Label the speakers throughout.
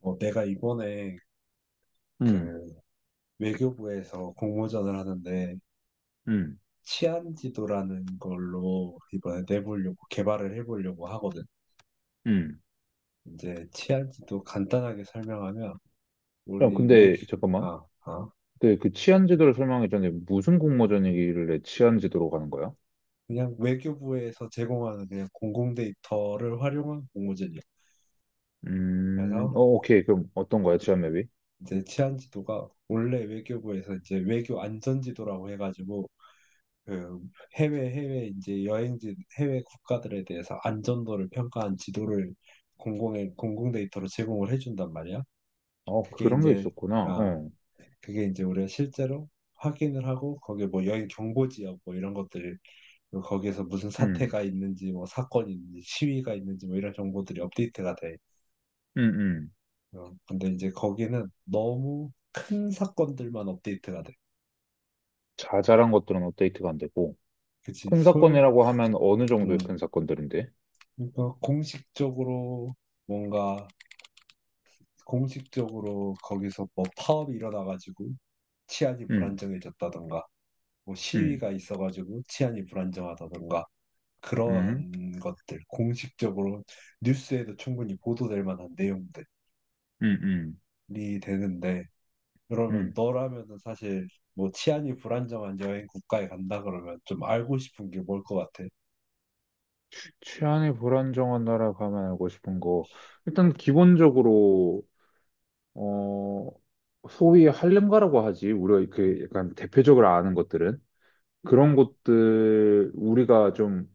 Speaker 1: 내가 이번에
Speaker 2: 음,
Speaker 1: 그 외교부에서 공모전을 하는데
Speaker 2: 음,
Speaker 1: 치안 지도라는 걸로 이번에 내보려고 개발을 해보려고 하거든.
Speaker 2: 음.
Speaker 1: 이제 치안 지도 간단하게 설명하면
Speaker 2: 야,
Speaker 1: 우리
Speaker 2: 근데
Speaker 1: 외교
Speaker 2: 잠깐만.
Speaker 1: 아, 아
Speaker 2: 근데 그 치안 지도를 설명하기 전에 무슨 공모전 얘기길래 치안 지도로 가는 거야?
Speaker 1: 그냥 외교부에서 제공하는 그냥 공공 데이터를 활용한 공모전이야. 그래서
Speaker 2: 어, 오케이. 그럼 어떤 거야, 치안 맵이?
Speaker 1: 이제 치안 지도가 원래 외교부에서 이제 외교 안전 지도라고 해가지고 그 해외 해외 이제 여행지 해외 국가들에 대해서 안전도를 평가한 지도를 공공 데이터로 제공을 해준단 말이야.
Speaker 2: 어,
Speaker 1: 그게
Speaker 2: 그런 게
Speaker 1: 이제
Speaker 2: 있었구나.
Speaker 1: 아
Speaker 2: 어,
Speaker 1: 그게 이제 우리가 실제로 확인을 하고 거기에 뭐 여행 경보 지역 뭐 이런 것들, 그리고 거기에서 무슨
Speaker 2: 음,
Speaker 1: 사태가 있는지 뭐 사건이 있는지 시위가 있는지 뭐 이런 정보들이 업데이트가 돼.
Speaker 2: 음, 음.
Speaker 1: 근데 이제 거기는 너무 큰 사건들만 업데이트가 돼.
Speaker 2: 자잘한 것들은 업데이트가 안 되고.
Speaker 1: 그치?
Speaker 2: 큰 사건이라고 하면 어느
Speaker 1: 음,
Speaker 2: 정도의 큰 사건들인데?
Speaker 1: 그러니까 공식적으로 뭔가 공식적으로 거기서 뭐 파업이 일어나가지고 치안이
Speaker 2: 음,
Speaker 1: 불안정해졌다던가 뭐
Speaker 2: 음,
Speaker 1: 시위가 있어가지고 치안이 불안정하다던가
Speaker 2: 음,
Speaker 1: 그러한 것들, 공식적으로 뉴스에도 충분히 보도될 만한 내용들이
Speaker 2: 음, 음,
Speaker 1: 되는데, 그러면
Speaker 2: 음.
Speaker 1: 너라면은 사실 뭐 치안이 불안정한 여행 국가에 간다 그러면 좀 알고 싶은 게 뭘 것 같아?
Speaker 2: 치안이 불안정한 나라 가면 알고 싶은 거. 일단 기본적으로 어, 소위 할렘가라고 하지. 우리가 그 약간 대표적으로 아는 것들은 그런 곳들, 우리가 좀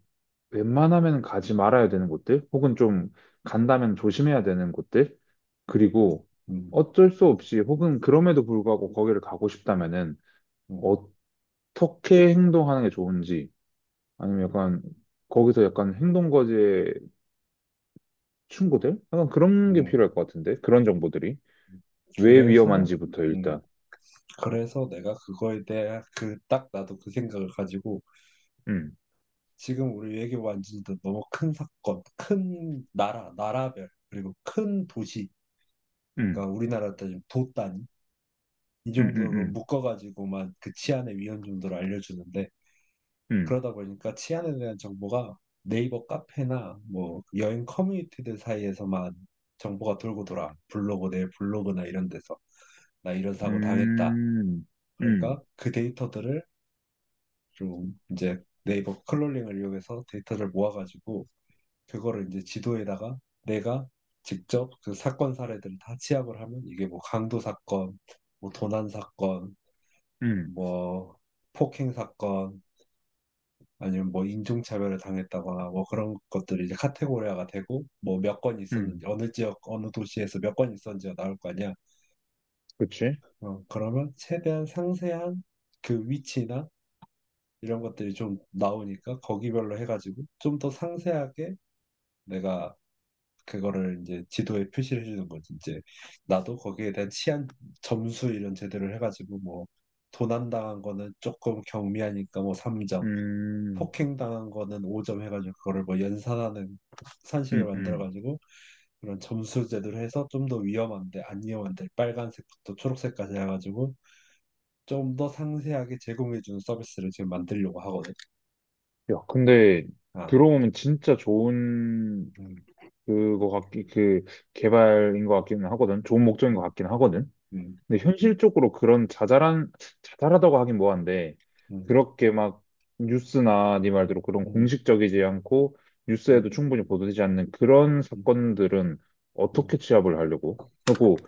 Speaker 2: 웬만하면 가지 말아야 되는 곳들, 혹은 좀 간다면 조심해야 되는 곳들, 그리고
Speaker 1: 음.
Speaker 2: 어쩔 수 없이 혹은 그럼에도 불구하고 거기를 가고 싶다면은
Speaker 1: 음.
Speaker 2: 어떻게 행동하는 게 좋은지, 아니면 약간 거기서 약간 행동거지의 충고들? 약간 그런 게
Speaker 1: 음.
Speaker 2: 필요할 것 같은데, 그런 정보들이. 왜
Speaker 1: 그래서
Speaker 2: 위험한지부터
Speaker 1: 음,
Speaker 2: 일단.
Speaker 1: 그래서 내가 그거에 대해 그 딱 나도 그 생각을 가지고
Speaker 2: 음,
Speaker 1: 지금 우리 외교 완전히 너무 큰 사건, 큰 나라, 나라별, 그리고 큰 도시,
Speaker 2: 음.
Speaker 1: 그러니까 우리나라 따지면 도 단위, 이
Speaker 2: 음,
Speaker 1: 정도로
Speaker 2: 음,
Speaker 1: 묶어가지고만 그 치안의 위험 정도를 알려주는데,
Speaker 2: 음,
Speaker 1: 그러다 보니까 치안에 대한 정보가 네이버 카페나 뭐 여행 커뮤니티들 사이에서만 정보가 돌고 돌아. 내 블로그나 이런 데서. 나 이런 사고 당했다.
Speaker 2: 음, 음,
Speaker 1: 그러니까 그 데이터들을 좀 이제 네이버 클롤링을 이용해서 데이터를 모아가지고 그거를 이제 지도에다가 내가 직접 그 사건 사례들을 다 취합을 하면, 이게 뭐 강도 사건, 뭐 도난 사건,
Speaker 2: 음, 음,
Speaker 1: 뭐 폭행 사건, 아니면 뭐 인종차별을 당했다거나 뭐 그런 것들이 이제 카테고리화가 되고 뭐 몇 건
Speaker 2: 음.
Speaker 1: 있었는지, 어느 지역 어느 도시에서 몇 건 있었는지가 나올 거 아니야.
Speaker 2: 그치?
Speaker 1: 그러면 최대한 상세한 그 위치나 이런 것들이 좀 나오니까 거기별로 해가지고 좀 더 상세하게 내가 그거를 이제 지도에 표시를 해주는 거지. 이제 나도 거기에 대한 치안 점수 이런 제대로 해가지고 뭐 도난 당한 거는 조금 경미하니까 뭐 3점,
Speaker 2: 음,
Speaker 1: 폭행 당한 거는 5점 해가지고, 그거를 뭐 연산하는 산식을
Speaker 2: 음, 음.
Speaker 1: 만들어가지고 그런 점수 제도를 해서 좀 더 위험한데 안 위험한데, 빨간색부터 초록색까지 해가지고 좀 더 상세하게 제공해주는 서비스를 지금 만들려고 하거든.
Speaker 2: 야, 근데
Speaker 1: 아,
Speaker 2: 들어보면 진짜 좋은
Speaker 1: 음.
Speaker 2: 그 개발인 것 같기는 하거든. 좋은 목적인 것
Speaker 1: 음.
Speaker 2: 같긴 하거든.
Speaker 1: 음.
Speaker 2: 근데 현실적으로 그런 자잘한, 자잘하다고 하긴 뭐한데,
Speaker 1: 음.
Speaker 2: 그렇게 막 뉴스나 네 말대로 그런
Speaker 1: 음.
Speaker 2: 공식적이지 않고, 뉴스에도
Speaker 1: 음.
Speaker 2: 충분히 보도되지 않는 그런
Speaker 1: 음.
Speaker 2: 사건들은 어떻게
Speaker 1: 음.
Speaker 2: 취합을 하려고? 그리고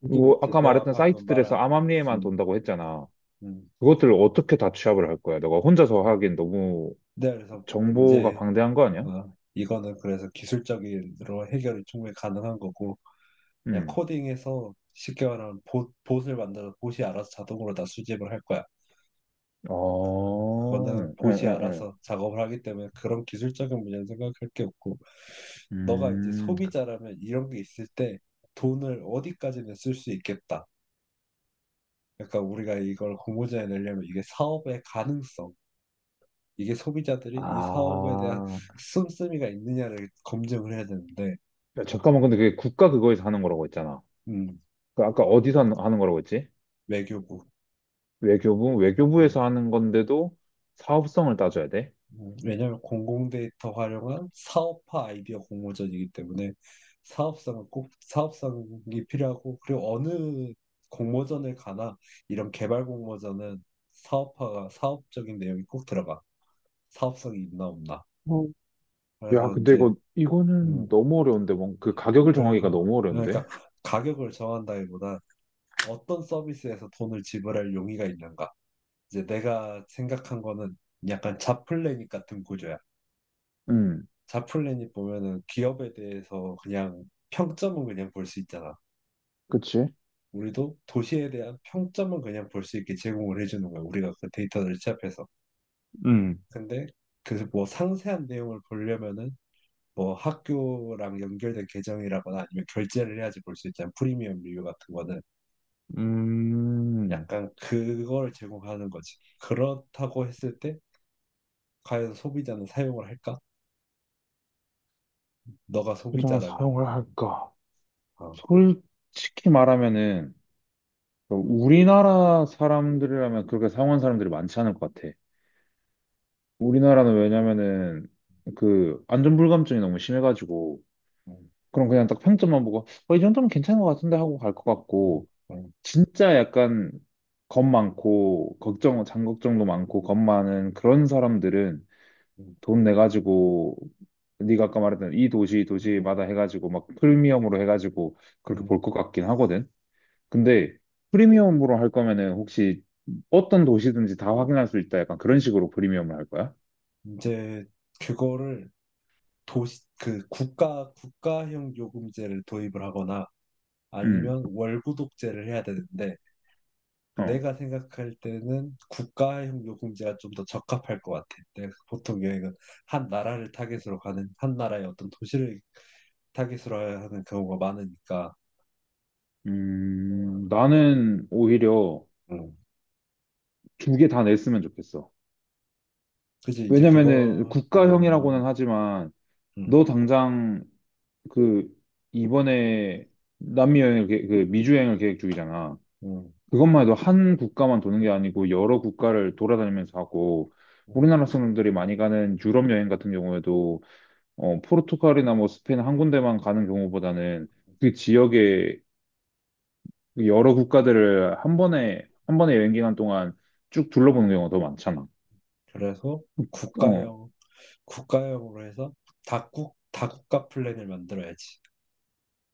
Speaker 1: 그게
Speaker 2: 뭐
Speaker 1: 이제
Speaker 2: 아까
Speaker 1: 내가
Speaker 2: 말했던
Speaker 1: 방금
Speaker 2: 사이트들에서
Speaker 1: 말한,
Speaker 2: 암암리에만
Speaker 1: 음,
Speaker 2: 돈다고 했잖아.
Speaker 1: 음.
Speaker 2: 그것들을 어떻게 다 취합을 할 거야? 너가 혼자서 하기엔 너무
Speaker 1: 네, 그래서
Speaker 2: 정보가
Speaker 1: 이제,
Speaker 2: 방대한 거 아니야?
Speaker 1: 이거는 그래서 기술적으로 해결이 충분히 가능한 거고, 그냥
Speaker 2: 음.
Speaker 1: 코딩해서 쉽게 말하면 봇을 만들어 봇이 알아서 자동으로 다 수집을 할 거야.
Speaker 2: 어,
Speaker 1: 그거는
Speaker 2: 응,
Speaker 1: 봇이
Speaker 2: 응, 응.
Speaker 1: 알아서 작업을 하기 때문에 그런 기술적인 문제는 생각할 게 없고, 너가 이제
Speaker 2: 음,
Speaker 1: 소비자라면 이런 게 있을 때 돈을 어디까지는 쓸 수 있겠다. 그러니까 우리가 이걸 공모전에 내려면 이게 사업의 가능성, 이게 소비자들이 이 사업에 대한
Speaker 2: 아.
Speaker 1: 씀씀이가 있느냐를 검증을 해야 되는데,
Speaker 2: 야, 잠깐만, 근데 그게 국가 그거에서 하는 거라고 했잖아.
Speaker 1: 음.
Speaker 2: 그 아까 어디서 하는 거라고 했지?
Speaker 1: 외교부.
Speaker 2: 외교부?
Speaker 1: 음.
Speaker 2: 외교부에서 하는 건데도 사업성을 따져야 돼?
Speaker 1: 왜냐하면 공공 데이터 활용한 사업화 아이디어 공모전이기 때문에, 사업성은 꼭 사업성이 필요하고, 그리고 어느 공모전을 가나 이런 개발 공모전은 사업화가 사업적인 내용이 꼭 들어가. 사업성이 있나 없나.
Speaker 2: 어, 야,
Speaker 1: 그래서
Speaker 2: 근데
Speaker 1: 이제
Speaker 2: 이거는
Speaker 1: 음,
Speaker 2: 너무 어려운데, 그 가격을 정하기가
Speaker 1: 그래서
Speaker 2: 너무 어려운데?
Speaker 1: 그러니까 가격을 정한다기보다 어떤 서비스에서 돈을 지불할 용의가 있는가. 이제 내가 생각한 거는 약간 자플래닛 같은 구조야.
Speaker 2: 음,
Speaker 1: 자플래닛 보면은 기업에 대해서 그냥 평점은 그냥 볼 수 있잖아.
Speaker 2: 그치?
Speaker 1: 우리도 도시에 대한 평점은 그냥 볼 수 있게 제공을 해주는 거야, 우리가 그 데이터를 취합해서. 근데 그 뭐 상세한 내용을 보려면은 뭐 학교랑 연결된 계정이라거나 아니면 결제를 해야지 볼 수 있잖아. 프리미엄 리뷰 같은 거는
Speaker 2: 음,
Speaker 1: 약간 그걸 제공하는 거지. 그렇다고 했을 때 과연 소비자는 사용을 할까? 너가
Speaker 2: 포장
Speaker 1: 소비자라면.
Speaker 2: 사용을 할까?
Speaker 1: 어.
Speaker 2: 솔직히 말하면은, 그 우리나라 사람들이라면 그렇게 사용한 사람들이 많지 않을 것 같아. 우리나라는 왜냐면은, 그, 안전불감증이 너무 심해가지고,
Speaker 1: 음.
Speaker 2: 그럼 그냥 딱 평점만 보고, 어, 이 정도면 괜찮은 것 같은데 하고 갈 것
Speaker 1: 음.
Speaker 2: 같고,
Speaker 1: 음.
Speaker 2: 진짜 약간, 겁 많고, 장걱정도 많고, 겁 많은 그런 사람들은
Speaker 1: 음.
Speaker 2: 돈 내가지고, 네가 아까 말했던
Speaker 1: 음.
Speaker 2: 도시마다 해가지고, 막 프리미엄으로 해가지고, 그렇게
Speaker 1: 음.
Speaker 2: 볼 것 같긴 하거든. 근데 프리미엄으로 할 거면은 혹시 어떤 도시든지 다 확인할 수 있다. 약간 그런 식으로 프리미엄을 할 거야?
Speaker 1: 이제 그거를 도시 그 국가 국가형 요금제를 도입을 하거나
Speaker 2: 음,
Speaker 1: 아니면 월구독제를 해야 되는데,
Speaker 2: 어.
Speaker 1: 내가 생각할 때는 국가형 요금제가 좀 더 적합할 것 같아. 내가 보통 여행은 한 나라를 타겟으로 가는, 한 나라의 어떤 도시를 타겟으로 하는 경우가 많으니까. 음.
Speaker 2: 나는 오히려
Speaker 1: 음.
Speaker 2: 두 개 다 냈으면 좋겠어.
Speaker 1: 그지. 이제
Speaker 2: 왜냐면은
Speaker 1: 그거.
Speaker 2: 국가형이라고는 하지만,
Speaker 1: 음,
Speaker 2: 너 당장 그, 이번에 남미 여행을, 계 그 미주 여행을 계획 중이잖아.
Speaker 1: 음,
Speaker 2: 그것만 해도 한 국가만 도는 게 아니고 여러 국가를 돌아다니면서 하고,
Speaker 1: 음.
Speaker 2: 우리나라 사람들이 많이 가는 유럽 여행 같은 경우에도 어, 포르투갈이나 뭐 스페인 한 군데만 가는 경우보다는 그 지역의 여러 국가들을 한 번에 한 번에 여행 기간 동안 쭉 둘러보는 경우가 더 많잖아.
Speaker 1: 그래서
Speaker 2: 어,
Speaker 1: 국가형 국가형으로 해서 다국가 플랜을 만들어야지.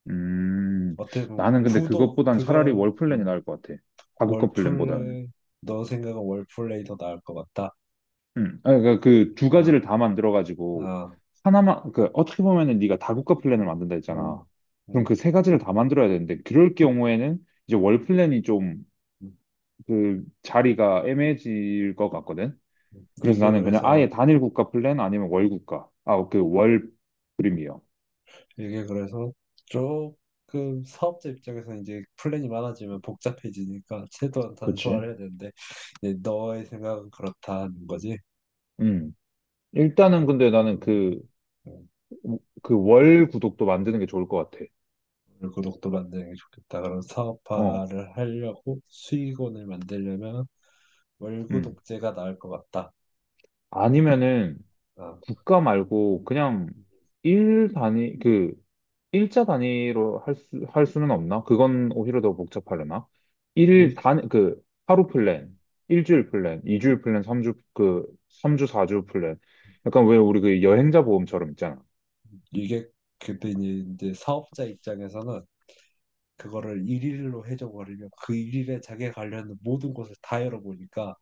Speaker 2: 음,
Speaker 1: 어때 면
Speaker 2: 나는 근데
Speaker 1: 구도
Speaker 2: 그것보단 차라리
Speaker 1: 그걸
Speaker 2: 월 플랜이 나을 것 같아. 다국가 플랜보다는.
Speaker 1: 월플레이 너 생각은 월플레이 더 나을 것 같다.
Speaker 2: 음. 아, 그러니까 그 두
Speaker 1: 아,
Speaker 2: 가지를 다 만들어 가지고
Speaker 1: 아,
Speaker 2: 하나만, 그 어떻게 보면은 네가 다국가 플랜을 만든다 했잖아.
Speaker 1: 음.
Speaker 2: 그럼 그
Speaker 1: 음.
Speaker 2: 세 가지를 다 만들어야 되는데, 그럴 경우에는 이제 월 플랜이 좀
Speaker 1: 음.
Speaker 2: 그 자리가 애매해질 것 같거든.
Speaker 1: 음.
Speaker 2: 그래서 나는 그냥 아예 단일 국가 플랜 아니면 월 국가. 아, 그 월 프리미엄.
Speaker 1: 이게 그래서 조금 사업자 입장에서 이제 플랜이 많아지면 복잡해지니까 최대한 단소화를
Speaker 2: 그치?
Speaker 1: 해야 되는데, 이제 너의 생각은 그렇다는 거지.
Speaker 2: 음. 일단은 근데 나는
Speaker 1: 음. 음.
Speaker 2: 그 월 구독도 만드는 게 좋을 것 같아.
Speaker 1: 구독도 만드는 게 좋겠다. 그럼
Speaker 2: 어.
Speaker 1: 사업화를 하려고 수익원을 만들려면
Speaker 2: 음.
Speaker 1: 월구독제가 나을 것 같다.
Speaker 2: 아니면은,
Speaker 1: 아,
Speaker 2: 국가 말고 그냥 일 단위, 그, 일자 단위로 할 수는 없나? 그건 오히려 더 복잡하려나? 일
Speaker 1: 이-
Speaker 2: 단, 그, 하루 플랜, 일주일 플랜, 이주일 플랜, 삼주사주 플랜. 약간 왜 우리 그 여행자 보험처럼 있잖아.
Speaker 1: 이게 그때 이제 사업자 입장에서는 그거를 일일로 해줘버리면 그 일일에 자기가 관련된 모든 곳을 다 열어보니까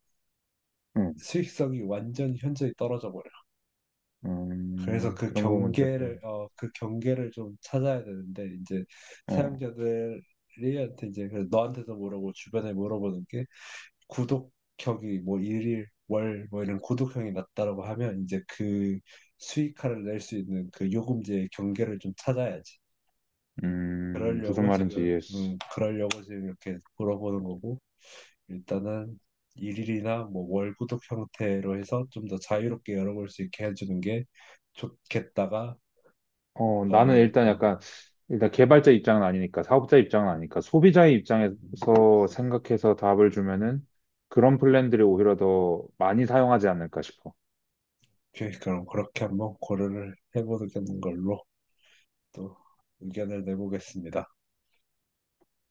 Speaker 2: 응,
Speaker 1: 수익성이 완전히 현저히 떨어져 버려. 그래서
Speaker 2: 그런 부분들을,
Speaker 1: 그 경계를 좀 찾아야 되는데, 이제
Speaker 2: 어,
Speaker 1: 사용자들한테 이제 그래서 너한테도 물어보고 주변에 물어보는 게, 구독형이 뭐 일일 월 뭐 이런 구독형이 낮다라고 하면 이제 그 수익화를 낼 수 있는 그 요금제의 경계를 좀 찾아야지.
Speaker 2: 무슨 말인지 이해했어.
Speaker 1: 그러려고 지금 이렇게 물어보는 거고, 일단은 일일이나 뭐 월 구독 형태로 해서 좀 더 자유롭게 열어볼 수 있게 해주는 게 좋겠다가
Speaker 2: 어, 나는
Speaker 1: 너의
Speaker 2: 일단 약간, 일단 개발자 입장은 아니니까, 사업자 입장은 아니니까, 소비자의 입장에서 생각해서 답을 주면은 그런 플랜들이 오히려 더 많이 사용하지 않을까 싶어.
Speaker 1: 계획, 그럼 그렇게 한번 고려를 해보는 걸로 또 의견을 내보겠습니다.